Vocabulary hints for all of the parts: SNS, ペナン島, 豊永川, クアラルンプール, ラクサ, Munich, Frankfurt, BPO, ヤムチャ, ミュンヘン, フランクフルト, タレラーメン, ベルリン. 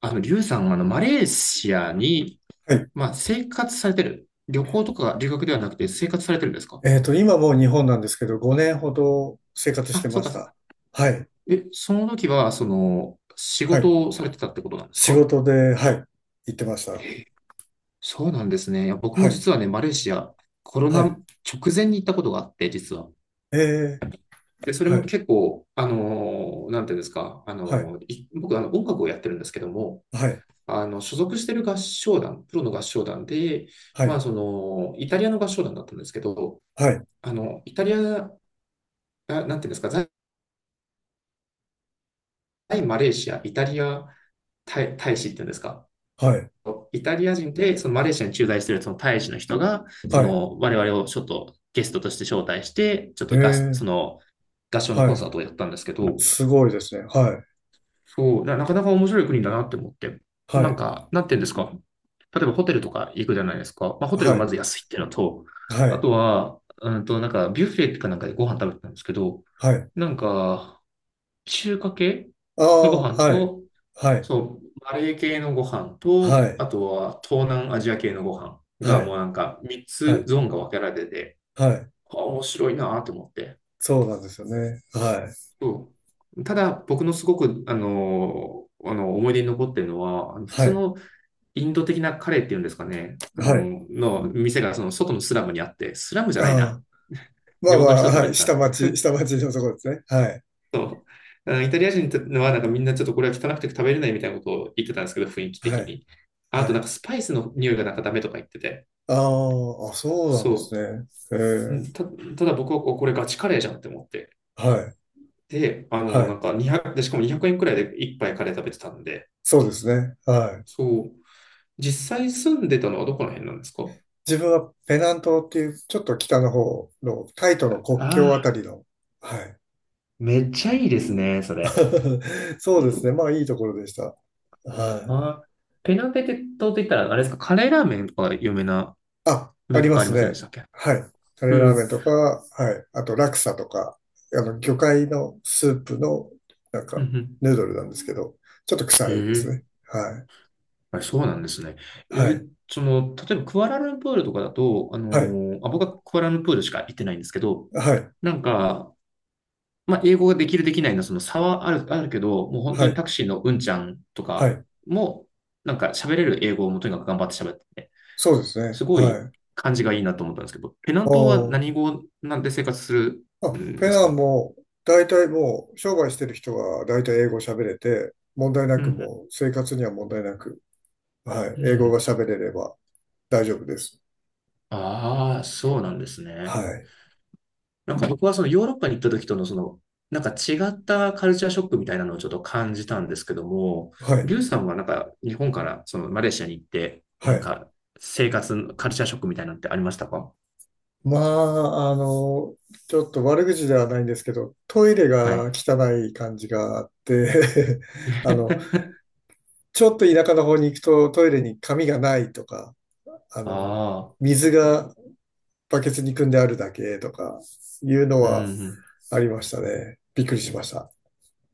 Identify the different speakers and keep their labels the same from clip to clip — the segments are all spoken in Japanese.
Speaker 1: リュウさんはマレーシアに、
Speaker 2: はい。
Speaker 1: まあ、生活されてる。旅行とか留学ではなくて生活されてるんですか？
Speaker 2: 今もう日本なんですけど、5年ほど生活し
Speaker 1: あ、
Speaker 2: て
Speaker 1: そ
Speaker 2: ま
Speaker 1: うか
Speaker 2: し
Speaker 1: そうか。
Speaker 2: た。はい。
Speaker 1: え、その時は、その、仕
Speaker 2: はい。
Speaker 1: 事をされてたってことなんです
Speaker 2: 仕
Speaker 1: か？
Speaker 2: 事で、はい。行ってました。
Speaker 1: そうなんですね。いや、僕
Speaker 2: は
Speaker 1: も
Speaker 2: い。
Speaker 1: 実はね、マレーシア、コロ
Speaker 2: は
Speaker 1: ナ
Speaker 2: い。
Speaker 1: 直前に行ったことがあって、実は。
Speaker 2: えー、
Speaker 1: で、それ
Speaker 2: は
Speaker 1: も
Speaker 2: い。
Speaker 1: 結構、あのーなんていうんですか、あ
Speaker 2: はい。
Speaker 1: のーい僕、音楽をやってるんですけども、
Speaker 2: はい。
Speaker 1: 所属してる合唱団、プロの合唱団で、
Speaker 2: は
Speaker 1: まあ、
Speaker 2: い。
Speaker 1: その、イタリアの合唱団だったんですけど、
Speaker 2: はい。
Speaker 1: あの、イタリア、な、なんていうんですか、在マレーシア、イタリア大、大使っていうんですか。
Speaker 2: はい。
Speaker 1: イタリア人で、そのマレーシアに駐在しているその大使の人が、そ
Speaker 2: はい。
Speaker 1: の我々をちょっとゲストとして招待して、ちょっ
Speaker 2: え
Speaker 1: と合、
Speaker 2: ー、
Speaker 1: その合唱の
Speaker 2: は
Speaker 1: コン
Speaker 2: い。
Speaker 1: サートをやったんですけど、
Speaker 2: すごいですね。はい。
Speaker 1: そう、なかなか面白い国だなって思って、
Speaker 2: は
Speaker 1: なん
Speaker 2: い。
Speaker 1: か、なんていうんですか。例えばホテルとか行くじゃないですか。まあ、ホテル
Speaker 2: は
Speaker 1: がま
Speaker 2: い。
Speaker 1: ず安いっていうのと、
Speaker 2: は
Speaker 1: あ
Speaker 2: い。
Speaker 1: とは、うんと、なんかビュッフェかなんかでご飯食べてたんですけど、
Speaker 2: はい。
Speaker 1: なんか、中華系
Speaker 2: あ
Speaker 1: のご
Speaker 2: あ、
Speaker 1: 飯
Speaker 2: はい。
Speaker 1: と、
Speaker 2: はい。
Speaker 1: そう、マレー系のご飯
Speaker 2: は
Speaker 1: と、
Speaker 2: い。
Speaker 1: あとは東南アジア系のご飯が
Speaker 2: は
Speaker 1: もう
Speaker 2: い。
Speaker 1: なんか3
Speaker 2: は
Speaker 1: つ
Speaker 2: い。
Speaker 1: ゾーンが分けられてて、
Speaker 2: はい。
Speaker 1: あ、面白いなと思って。
Speaker 2: そうなんですよね。は
Speaker 1: そう。ただ、僕のすごく、思い出に残ってるのは、あの普
Speaker 2: い。は
Speaker 1: 通
Speaker 2: い。
Speaker 1: のインド的なカレーっていうんですかね、
Speaker 2: はい。
Speaker 1: 店がその外のスラムにあって、スラムじ
Speaker 2: あ
Speaker 1: ゃないな。
Speaker 2: あ。ま
Speaker 1: 地
Speaker 2: あま
Speaker 1: 元の
Speaker 2: あ、
Speaker 1: 人が食
Speaker 2: は
Speaker 1: べ
Speaker 2: い。
Speaker 1: てたね。
Speaker 2: 下町、下町のところですね。はい。
Speaker 1: そう。あのイタリア人はなんかみんなちょっとこれは汚くて食べれないみたいなことを言ってたんですけど、雰囲気的
Speaker 2: はい。
Speaker 1: に。あと
Speaker 2: は
Speaker 1: なんか
Speaker 2: い。
Speaker 1: スパイスの匂いがなんかダメとか言ってて。
Speaker 2: ああ、あ、そうなんです
Speaker 1: そ
Speaker 2: ね。え
Speaker 1: う。
Speaker 2: え、
Speaker 1: ただ僕はこれガチカレーじゃんって思って。
Speaker 2: はい。
Speaker 1: で、
Speaker 2: は
Speaker 1: な
Speaker 2: い。
Speaker 1: んか2 0で、しかも200円くえんくらいで一杯カレー食べてたんで。
Speaker 2: そうですね。はい。
Speaker 1: そう。実際住んでたのはどこの辺なんですか？
Speaker 2: 自分はペナン島っていう、ちょっと北の方の、タイとの国境あ
Speaker 1: あ
Speaker 2: た
Speaker 1: あ、
Speaker 2: りの、はい。
Speaker 1: めっちゃいいですね、それ。
Speaker 2: そうですね。まあ、いいところでした。はい。
Speaker 1: ああ、ペナン島って言ったら、あれですか、カレーラーメンとか有名な
Speaker 2: あ、あ
Speaker 1: メー
Speaker 2: り
Speaker 1: カ
Speaker 2: ま
Speaker 1: ーあり
Speaker 2: す
Speaker 1: ませんで
Speaker 2: ね。
Speaker 1: したっけ？
Speaker 2: はい。タ
Speaker 1: う
Speaker 2: レラーメ
Speaker 1: ん。
Speaker 2: ンとか、はい。あと、ラクサとか、魚介のスープの、なん
Speaker 1: うん
Speaker 2: か、
Speaker 1: うん。
Speaker 2: ヌードルなんですけど、ちょっと
Speaker 1: へ
Speaker 2: 臭いで
Speaker 1: え。
Speaker 2: すね。はい。
Speaker 1: はい、そうなんですね。
Speaker 2: は
Speaker 1: え、
Speaker 2: い。
Speaker 1: その、例えばクアラルンプールとかだと、
Speaker 2: はい。
Speaker 1: 僕はクアラルンプールしか行ってないんですけど、
Speaker 2: はい。
Speaker 1: なんか、まあ、英語ができるできないのその差はあるけど、もう本当
Speaker 2: は
Speaker 1: に
Speaker 2: い。
Speaker 1: タクシーのうんちゃんと
Speaker 2: は
Speaker 1: か
Speaker 2: い。
Speaker 1: も、なんか喋れる英語をもうとにかく頑張って喋ってて、
Speaker 2: そうです
Speaker 1: す
Speaker 2: ね。
Speaker 1: ご
Speaker 2: は
Speaker 1: い
Speaker 2: い。
Speaker 1: 感じがいいなと思ったんですけど、ペナン
Speaker 2: あ
Speaker 1: 島は何語なんで生活する
Speaker 2: あ。あ、
Speaker 1: ん
Speaker 2: ペ
Speaker 1: です
Speaker 2: ナン
Speaker 1: か？
Speaker 2: も、大体もう、商売してる人は大体英語喋れて、問題な
Speaker 1: う
Speaker 2: く
Speaker 1: ん
Speaker 2: もう、生活には問題なく、はい。
Speaker 1: うんう
Speaker 2: 英
Speaker 1: ん。う
Speaker 2: 語が
Speaker 1: ん。
Speaker 2: 喋れれば大丈夫です。
Speaker 1: ああ、そうなんです
Speaker 2: は
Speaker 1: ね。
Speaker 2: い。
Speaker 1: なんか僕はそのヨーロッパに行った時とのその、なんか違ったカルチャーショックみたいなのをちょっと感じたんですけども、
Speaker 2: はい。
Speaker 1: リュウさんはなんか日本からそのマレーシアに行って、
Speaker 2: は
Speaker 1: なん
Speaker 2: い。
Speaker 1: か生活、カルチャーショックみたいなのってありましたか？
Speaker 2: まあ、ちょっと悪口ではないんですけど、トイレ
Speaker 1: は
Speaker 2: が
Speaker 1: い。
Speaker 2: 汚い感じがあって あの、ちょっと田舎の方に行くとトイレに紙がないとか、あの、
Speaker 1: ああ、
Speaker 2: 水がバケツに組んであるだけとか、いうの
Speaker 1: う
Speaker 2: は
Speaker 1: ん。
Speaker 2: ありましたね。びっくりしました。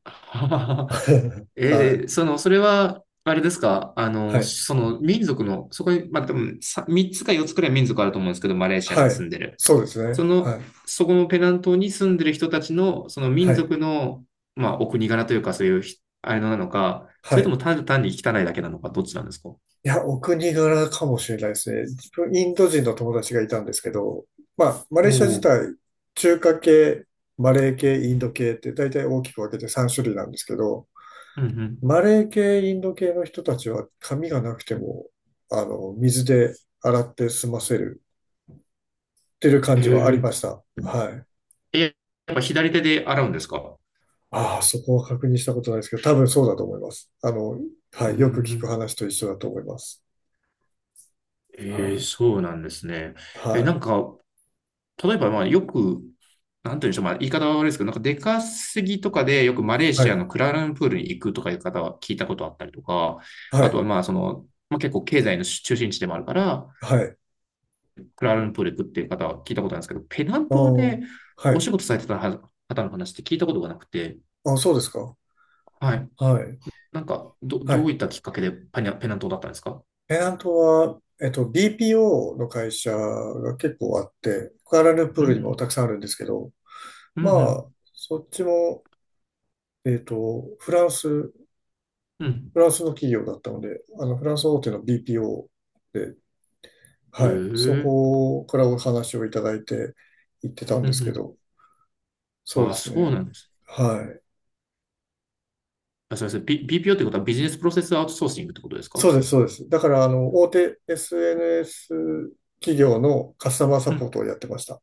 Speaker 1: え
Speaker 2: は
Speaker 1: ー、
Speaker 2: い。
Speaker 1: その、それは、あれですか、
Speaker 2: はい。
Speaker 1: その民族の、そこに、まあ、多分さ3つか4つくらい民族あると思うんですけど、マレーシアに
Speaker 2: は
Speaker 1: 住
Speaker 2: い。
Speaker 1: んでる。
Speaker 2: そうですね。
Speaker 1: そ
Speaker 2: はい。
Speaker 1: の、そこのペナン島に住んでる人たちの、その
Speaker 2: は
Speaker 1: 民
Speaker 2: い。
Speaker 1: 族の、まあ、お国柄というか、そういうあれなのか、そ
Speaker 2: は
Speaker 1: れと
Speaker 2: い。
Speaker 1: も単に汚いだけなのか、どっちなんですか？お
Speaker 2: いや、お国柄かもしれないですね。自分、インド人の友達がいたんですけど、まあ、マ
Speaker 1: お
Speaker 2: レーシア自
Speaker 1: ー。
Speaker 2: 体、中華系、マレー系、インド系って大体大きく分けて3種類なんですけど、
Speaker 1: うんうん。
Speaker 2: マレー系、インド系の人たちは髪がなくても、水で洗って済ませるっていう感
Speaker 1: え
Speaker 2: じはありまし
Speaker 1: え。
Speaker 2: た。はい。
Speaker 1: え、やっぱ左手で洗うんですか？
Speaker 2: ああ、そこは確認したことないですけど、多分そうだと思います。は
Speaker 1: う
Speaker 2: い、
Speaker 1: ん
Speaker 2: よく
Speaker 1: う
Speaker 2: 聞く
Speaker 1: ん。
Speaker 2: 話と一緒だと思います。は
Speaker 1: ええ、そうなんですね。
Speaker 2: い、
Speaker 1: え、な
Speaker 2: は
Speaker 1: ん
Speaker 2: い、
Speaker 1: か、例えば、まあ、よく、なんて言うんでしょう、まあ、言い方は悪いですけど、なんか出稼ぎとかでよくマレー
Speaker 2: は
Speaker 1: シア
Speaker 2: い、
Speaker 1: のクアラルンプールに行くとかいう方は聞いたことあったりとか、
Speaker 2: は
Speaker 1: あとは
Speaker 2: い、
Speaker 1: まあ、その、まあ、結構経済の中心地でもあるから、
Speaker 2: はい。
Speaker 1: クアラルンプール行くっていう方は聞いたことあるんですけど、ペナン
Speaker 2: ああ、
Speaker 1: 島で
Speaker 2: は
Speaker 1: お
Speaker 2: い。
Speaker 1: 仕事されてた方の話って聞いたことがなくて、
Speaker 2: あ、そうですか。
Speaker 1: はい。
Speaker 2: はい、
Speaker 1: なんか、
Speaker 2: は
Speaker 1: どう
Speaker 2: い。
Speaker 1: いったきっかけでペナン島だったんですか？
Speaker 2: ペナントは、BPO の会社が結構あって、クアラルンプー
Speaker 1: う
Speaker 2: ルにもたく
Speaker 1: ん
Speaker 2: さんあるんですけど、
Speaker 1: う
Speaker 2: まあ、
Speaker 1: ん、
Speaker 2: そっちも、フランス、フ
Speaker 1: うんうん、うん。
Speaker 2: ランスの企業だったので、フランス大手の BPO。
Speaker 1: へえ、
Speaker 2: はい。そ
Speaker 1: うん
Speaker 2: こからお話をいただいて行ってたん
Speaker 1: う
Speaker 2: ですけ
Speaker 1: ん。
Speaker 2: ど、そう
Speaker 1: あ
Speaker 2: で
Speaker 1: あ、
Speaker 2: す
Speaker 1: そう
Speaker 2: ね。
Speaker 1: なんです。
Speaker 2: はい。
Speaker 1: あ、そうです。BPO ってことはビジネスプロセスアウトソーシングってことですか？
Speaker 2: そう
Speaker 1: う
Speaker 2: です、そうです。だから、大手 SNS 企業のカスタマーサポ
Speaker 1: ん。
Speaker 2: ートをやってました。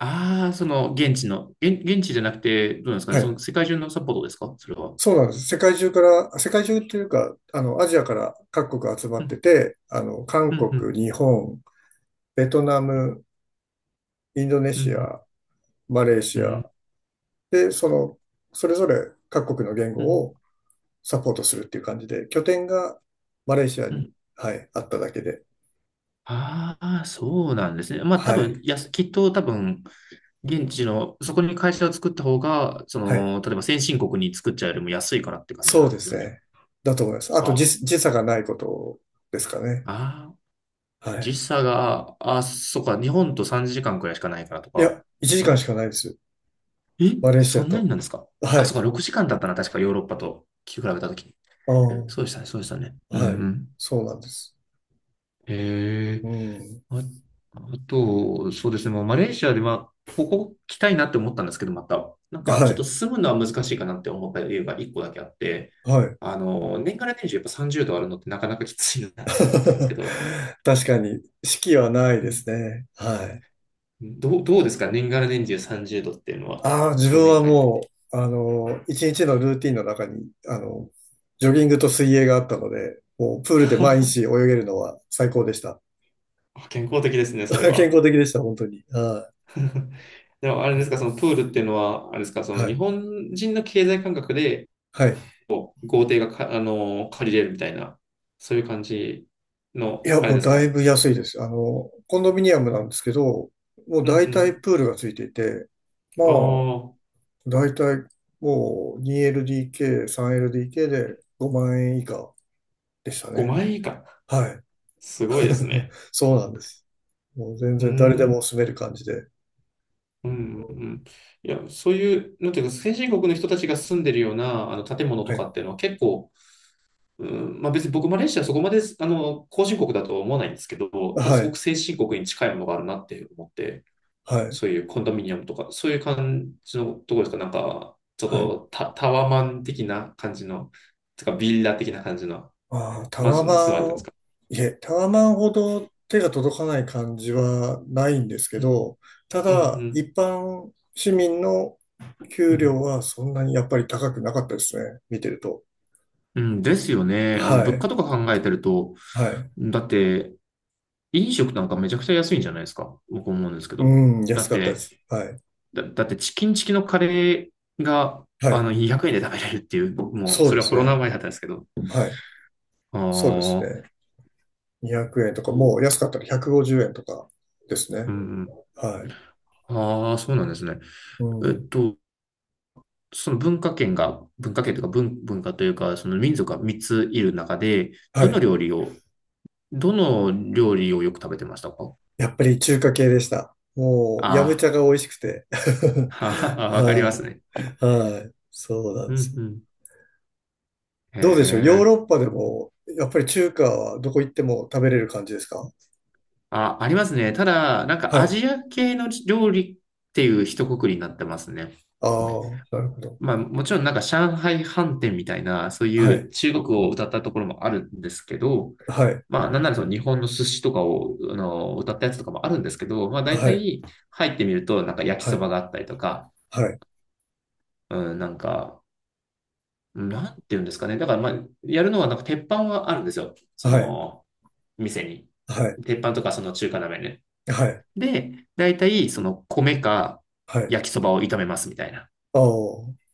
Speaker 1: ああ、その現地の、現地じゃなくて、どうなんですか
Speaker 2: は
Speaker 1: ね。その
Speaker 2: い。
Speaker 1: 世界中のサポートですかそれは。
Speaker 2: そうなんです。世界中から、世界中っていうか、アジアから各国集ま
Speaker 1: う
Speaker 2: って
Speaker 1: ん、
Speaker 2: て、
Speaker 1: う
Speaker 2: 韓
Speaker 1: ん、う
Speaker 2: 国、
Speaker 1: ん、
Speaker 2: 日本、ベトナム、インドネ
Speaker 1: う
Speaker 2: シ
Speaker 1: ん、
Speaker 2: ア、マレーシア、
Speaker 1: う
Speaker 2: で、それぞれ各国の言
Speaker 1: ん、
Speaker 2: 語をサポートするっていう感じで、拠点がマレーシア
Speaker 1: うん。
Speaker 2: に、はい、あっただけで。
Speaker 1: ああそうなんですね。まあ多
Speaker 2: はい。
Speaker 1: 分、やす、きっと多分、現地の、そこに会社を作った方が、そ
Speaker 2: はい。
Speaker 1: の、例えば先進国に作っちゃうよりも安いからって感じ
Speaker 2: そう
Speaker 1: なんで
Speaker 2: で
Speaker 1: すよ
Speaker 2: す
Speaker 1: ね。
Speaker 2: ね。だと思います。あと時差がないことですかね。
Speaker 1: ああ、ああ、
Speaker 2: は
Speaker 1: 時
Speaker 2: い。
Speaker 1: 差が、あ、そうか、日本と3時間くらいしかないからと
Speaker 2: い
Speaker 1: か。
Speaker 2: や、1時間しかないですよ。
Speaker 1: え、
Speaker 2: マレーシ
Speaker 1: そ
Speaker 2: ア
Speaker 1: んなに
Speaker 2: と。
Speaker 1: なんですか？
Speaker 2: は
Speaker 1: あ、そうか、
Speaker 2: い。
Speaker 1: 6時間だったな、確かヨーロッパと聞き比べたとき。
Speaker 2: ああ、
Speaker 1: そうでしたね、そうでしたね。うんう
Speaker 2: はい。
Speaker 1: ん。
Speaker 2: そうなんです。
Speaker 1: え
Speaker 2: う
Speaker 1: え。
Speaker 2: ん。
Speaker 1: あ、あと、そうですね、まあ、マレーシアで、まあ、ここ来たいなって思ったんですけど、また、なんかち
Speaker 2: は
Speaker 1: ょっと
Speaker 2: い。
Speaker 1: 住むのは難しいかなって思った理由が1個だけあって、
Speaker 2: はい。
Speaker 1: あの、年がら年中やっぱ30度あるのってなかなかきついなって思ったんですけど、
Speaker 2: 確かに、式はない
Speaker 1: う
Speaker 2: で
Speaker 1: ん、
Speaker 2: すね。はい。
Speaker 1: どうですか年がら年中30度っていうのは、
Speaker 2: ああ、自分
Speaker 1: 5
Speaker 2: は
Speaker 1: 年間やってみ
Speaker 2: も
Speaker 1: て。
Speaker 2: う、一日のルーティンの中に、ジョギングと水泳があったので、もうプールで毎日泳 げるのは最高でした。
Speaker 1: 健康的ですね、それ
Speaker 2: 健
Speaker 1: は。
Speaker 2: 康的でした、本当に。は
Speaker 1: でもあれですか、そのプールっていうのは、あれですか、そ
Speaker 2: い。
Speaker 1: の
Speaker 2: は
Speaker 1: 日
Speaker 2: い。
Speaker 1: 本人の経済感覚で
Speaker 2: はい。
Speaker 1: 豪邸がか、あのー借りれるみたいな、そういう感じ
Speaker 2: い
Speaker 1: の、
Speaker 2: や、
Speaker 1: あれ
Speaker 2: もう
Speaker 1: です
Speaker 2: だい
Speaker 1: か。
Speaker 2: ぶ安いです。コンドミニアムなんですけど、もう
Speaker 1: うんう
Speaker 2: 大
Speaker 1: ん。
Speaker 2: 体プールがついていて、まあ、
Speaker 1: ああ、
Speaker 2: 大体もう 2LDK、3LDK で5万円以下でしたね。
Speaker 1: 5万円以下。
Speaker 2: はい。
Speaker 1: すごいです ね。
Speaker 2: そうなんです。もう全
Speaker 1: うー
Speaker 2: 然誰で
Speaker 1: ん。
Speaker 2: も住める感じで。
Speaker 1: うん
Speaker 2: は
Speaker 1: うんうん。いや、そういう、なんていうか、先進国の人たちが住んでるような、あの、建物とかっていう
Speaker 2: い。
Speaker 1: のは結構、うん、まあ別に僕、マレーシアはそこまで、あの、後進国だとは思わないんですけど、ただ
Speaker 2: は
Speaker 1: すごく
Speaker 2: い。
Speaker 1: 先進国に近いものがあるなって思って、
Speaker 2: はい。
Speaker 1: そういうコンドミニアムとか、そういう感じのところですかなんか、ちょっ
Speaker 2: はい。
Speaker 1: とタ、タワマン的な感じの、てかビラ的な感じの
Speaker 2: ああ、タ
Speaker 1: マン
Speaker 2: ワ
Speaker 1: ションに住まれたん
Speaker 2: マ
Speaker 1: です
Speaker 2: ン、
Speaker 1: か？
Speaker 2: いえ、タワマンほど手が届かない感じはないんですけ
Speaker 1: うん、
Speaker 2: ど、た
Speaker 1: う
Speaker 2: だ、
Speaker 1: ん、
Speaker 2: 一般市民の
Speaker 1: う
Speaker 2: 給
Speaker 1: ん、うん。
Speaker 2: 料はそんなにやっぱり高くなかったですね。見てると。
Speaker 1: うんですよね。あの、
Speaker 2: は
Speaker 1: 物
Speaker 2: い。
Speaker 1: 価とか考えてると、
Speaker 2: はい。
Speaker 1: だって、飲食なんかめちゃくちゃ安いんじゃないですか。僕思うんですけど。
Speaker 2: うん、
Speaker 1: だ
Speaker 2: 安
Speaker 1: っ
Speaker 2: かったで
Speaker 1: て、
Speaker 2: す。はい。
Speaker 1: だってチキンチキのカレーが、
Speaker 2: は
Speaker 1: あ
Speaker 2: い。
Speaker 1: の、200円で食べれるっていう、僕も、
Speaker 2: そう
Speaker 1: そ
Speaker 2: で
Speaker 1: れは
Speaker 2: す
Speaker 1: コロナ
Speaker 2: ね。
Speaker 1: 前だったんですけど。
Speaker 2: はい。
Speaker 1: あ
Speaker 2: そうですね。
Speaker 1: あ、
Speaker 2: 200円とか、もう安かったら150円とかです
Speaker 1: う
Speaker 2: ね。
Speaker 1: ん、うん。
Speaker 2: はい。
Speaker 1: ああ、そうなんですね。
Speaker 2: う
Speaker 1: えっ
Speaker 2: ん。
Speaker 1: と、その文化圏が、文化圏というか文化というか、その民族が3ついる中で、
Speaker 2: は
Speaker 1: どの
Speaker 2: い。
Speaker 1: 料理を、どの料理をよく食べてましたか？
Speaker 2: やっぱり中華系でした。もう、ヤムチ
Speaker 1: あ
Speaker 2: ャが美味しくて。
Speaker 1: あ、わかりま
Speaker 2: は
Speaker 1: すね。
Speaker 2: い。はい。そうなん
Speaker 1: う
Speaker 2: で
Speaker 1: ん
Speaker 2: すよ。
Speaker 1: うん。へ
Speaker 2: どうでしょう、ヨー
Speaker 1: え。
Speaker 2: ロッパでも、やっぱり中華はどこ行っても食べれる感じですか？
Speaker 1: あ、ありますね。ただ、なんか
Speaker 2: は
Speaker 1: ア
Speaker 2: い。
Speaker 1: ジア系の料理っていう一括りになってますね。
Speaker 2: ああ、なるほど。
Speaker 1: まあもちろんなんか上海飯店みたいな、そう
Speaker 2: は
Speaker 1: いう
Speaker 2: い。
Speaker 1: 中国を歌ったところもあるんですけど、
Speaker 2: はい。
Speaker 1: まあ、なんならその日本の寿司とかを、あの、歌ったやつとかもあるんですけど、まあ、大
Speaker 2: はい。
Speaker 1: 体入ってみると、なんか焼き
Speaker 2: は
Speaker 1: そ
Speaker 2: い。
Speaker 1: ばがあったりとか、
Speaker 2: はい。
Speaker 1: うん、なんか、なんて言うんですかね。だから、まあ、やるのは、なんか鉄板はあるんですよ。そ
Speaker 2: はい。
Speaker 1: の、店に。
Speaker 2: はい。
Speaker 1: 鉄板とか、その中華鍋ね。
Speaker 2: はい。
Speaker 1: で、大体、その、米か
Speaker 2: はい。
Speaker 1: 焼きそばを炒めますみたいな。
Speaker 2: ああ、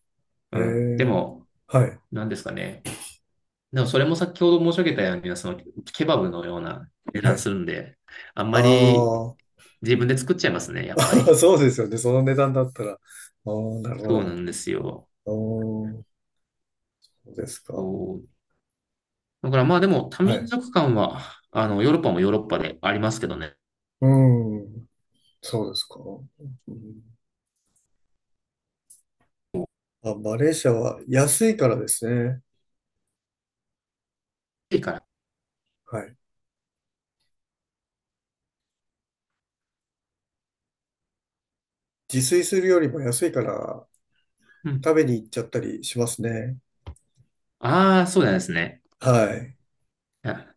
Speaker 1: う
Speaker 2: へ
Speaker 1: ん。で
Speaker 2: え。
Speaker 1: も、
Speaker 2: はい。
Speaker 1: なんですかね。でも、それも先ほど申し上げたように、その、ケバブのような値
Speaker 2: は
Speaker 1: 段
Speaker 2: い。
Speaker 1: するんで、あんま
Speaker 2: あ
Speaker 1: り自分で作っちゃいますね、
Speaker 2: あ、
Speaker 1: やっぱ り。
Speaker 2: そうですよね。その値段だったら。ああ、なるほ
Speaker 1: そうな
Speaker 2: ど。
Speaker 1: んですよ。
Speaker 2: ああ、そうですか。
Speaker 1: そう。だからまあでも多
Speaker 2: は
Speaker 1: 民
Speaker 2: い。
Speaker 1: 族間は、あの、ヨーロッパもヨーロッパでありますけどね。
Speaker 2: うん。そうですか。うん、あ、マレーシアは安いからですね。
Speaker 1: いいから。
Speaker 2: はい。自炊するよりも安いから
Speaker 1: うん。
Speaker 2: 食べに行っちゃったりしますね。
Speaker 1: ああ、そうなんですね。
Speaker 2: はい。
Speaker 1: い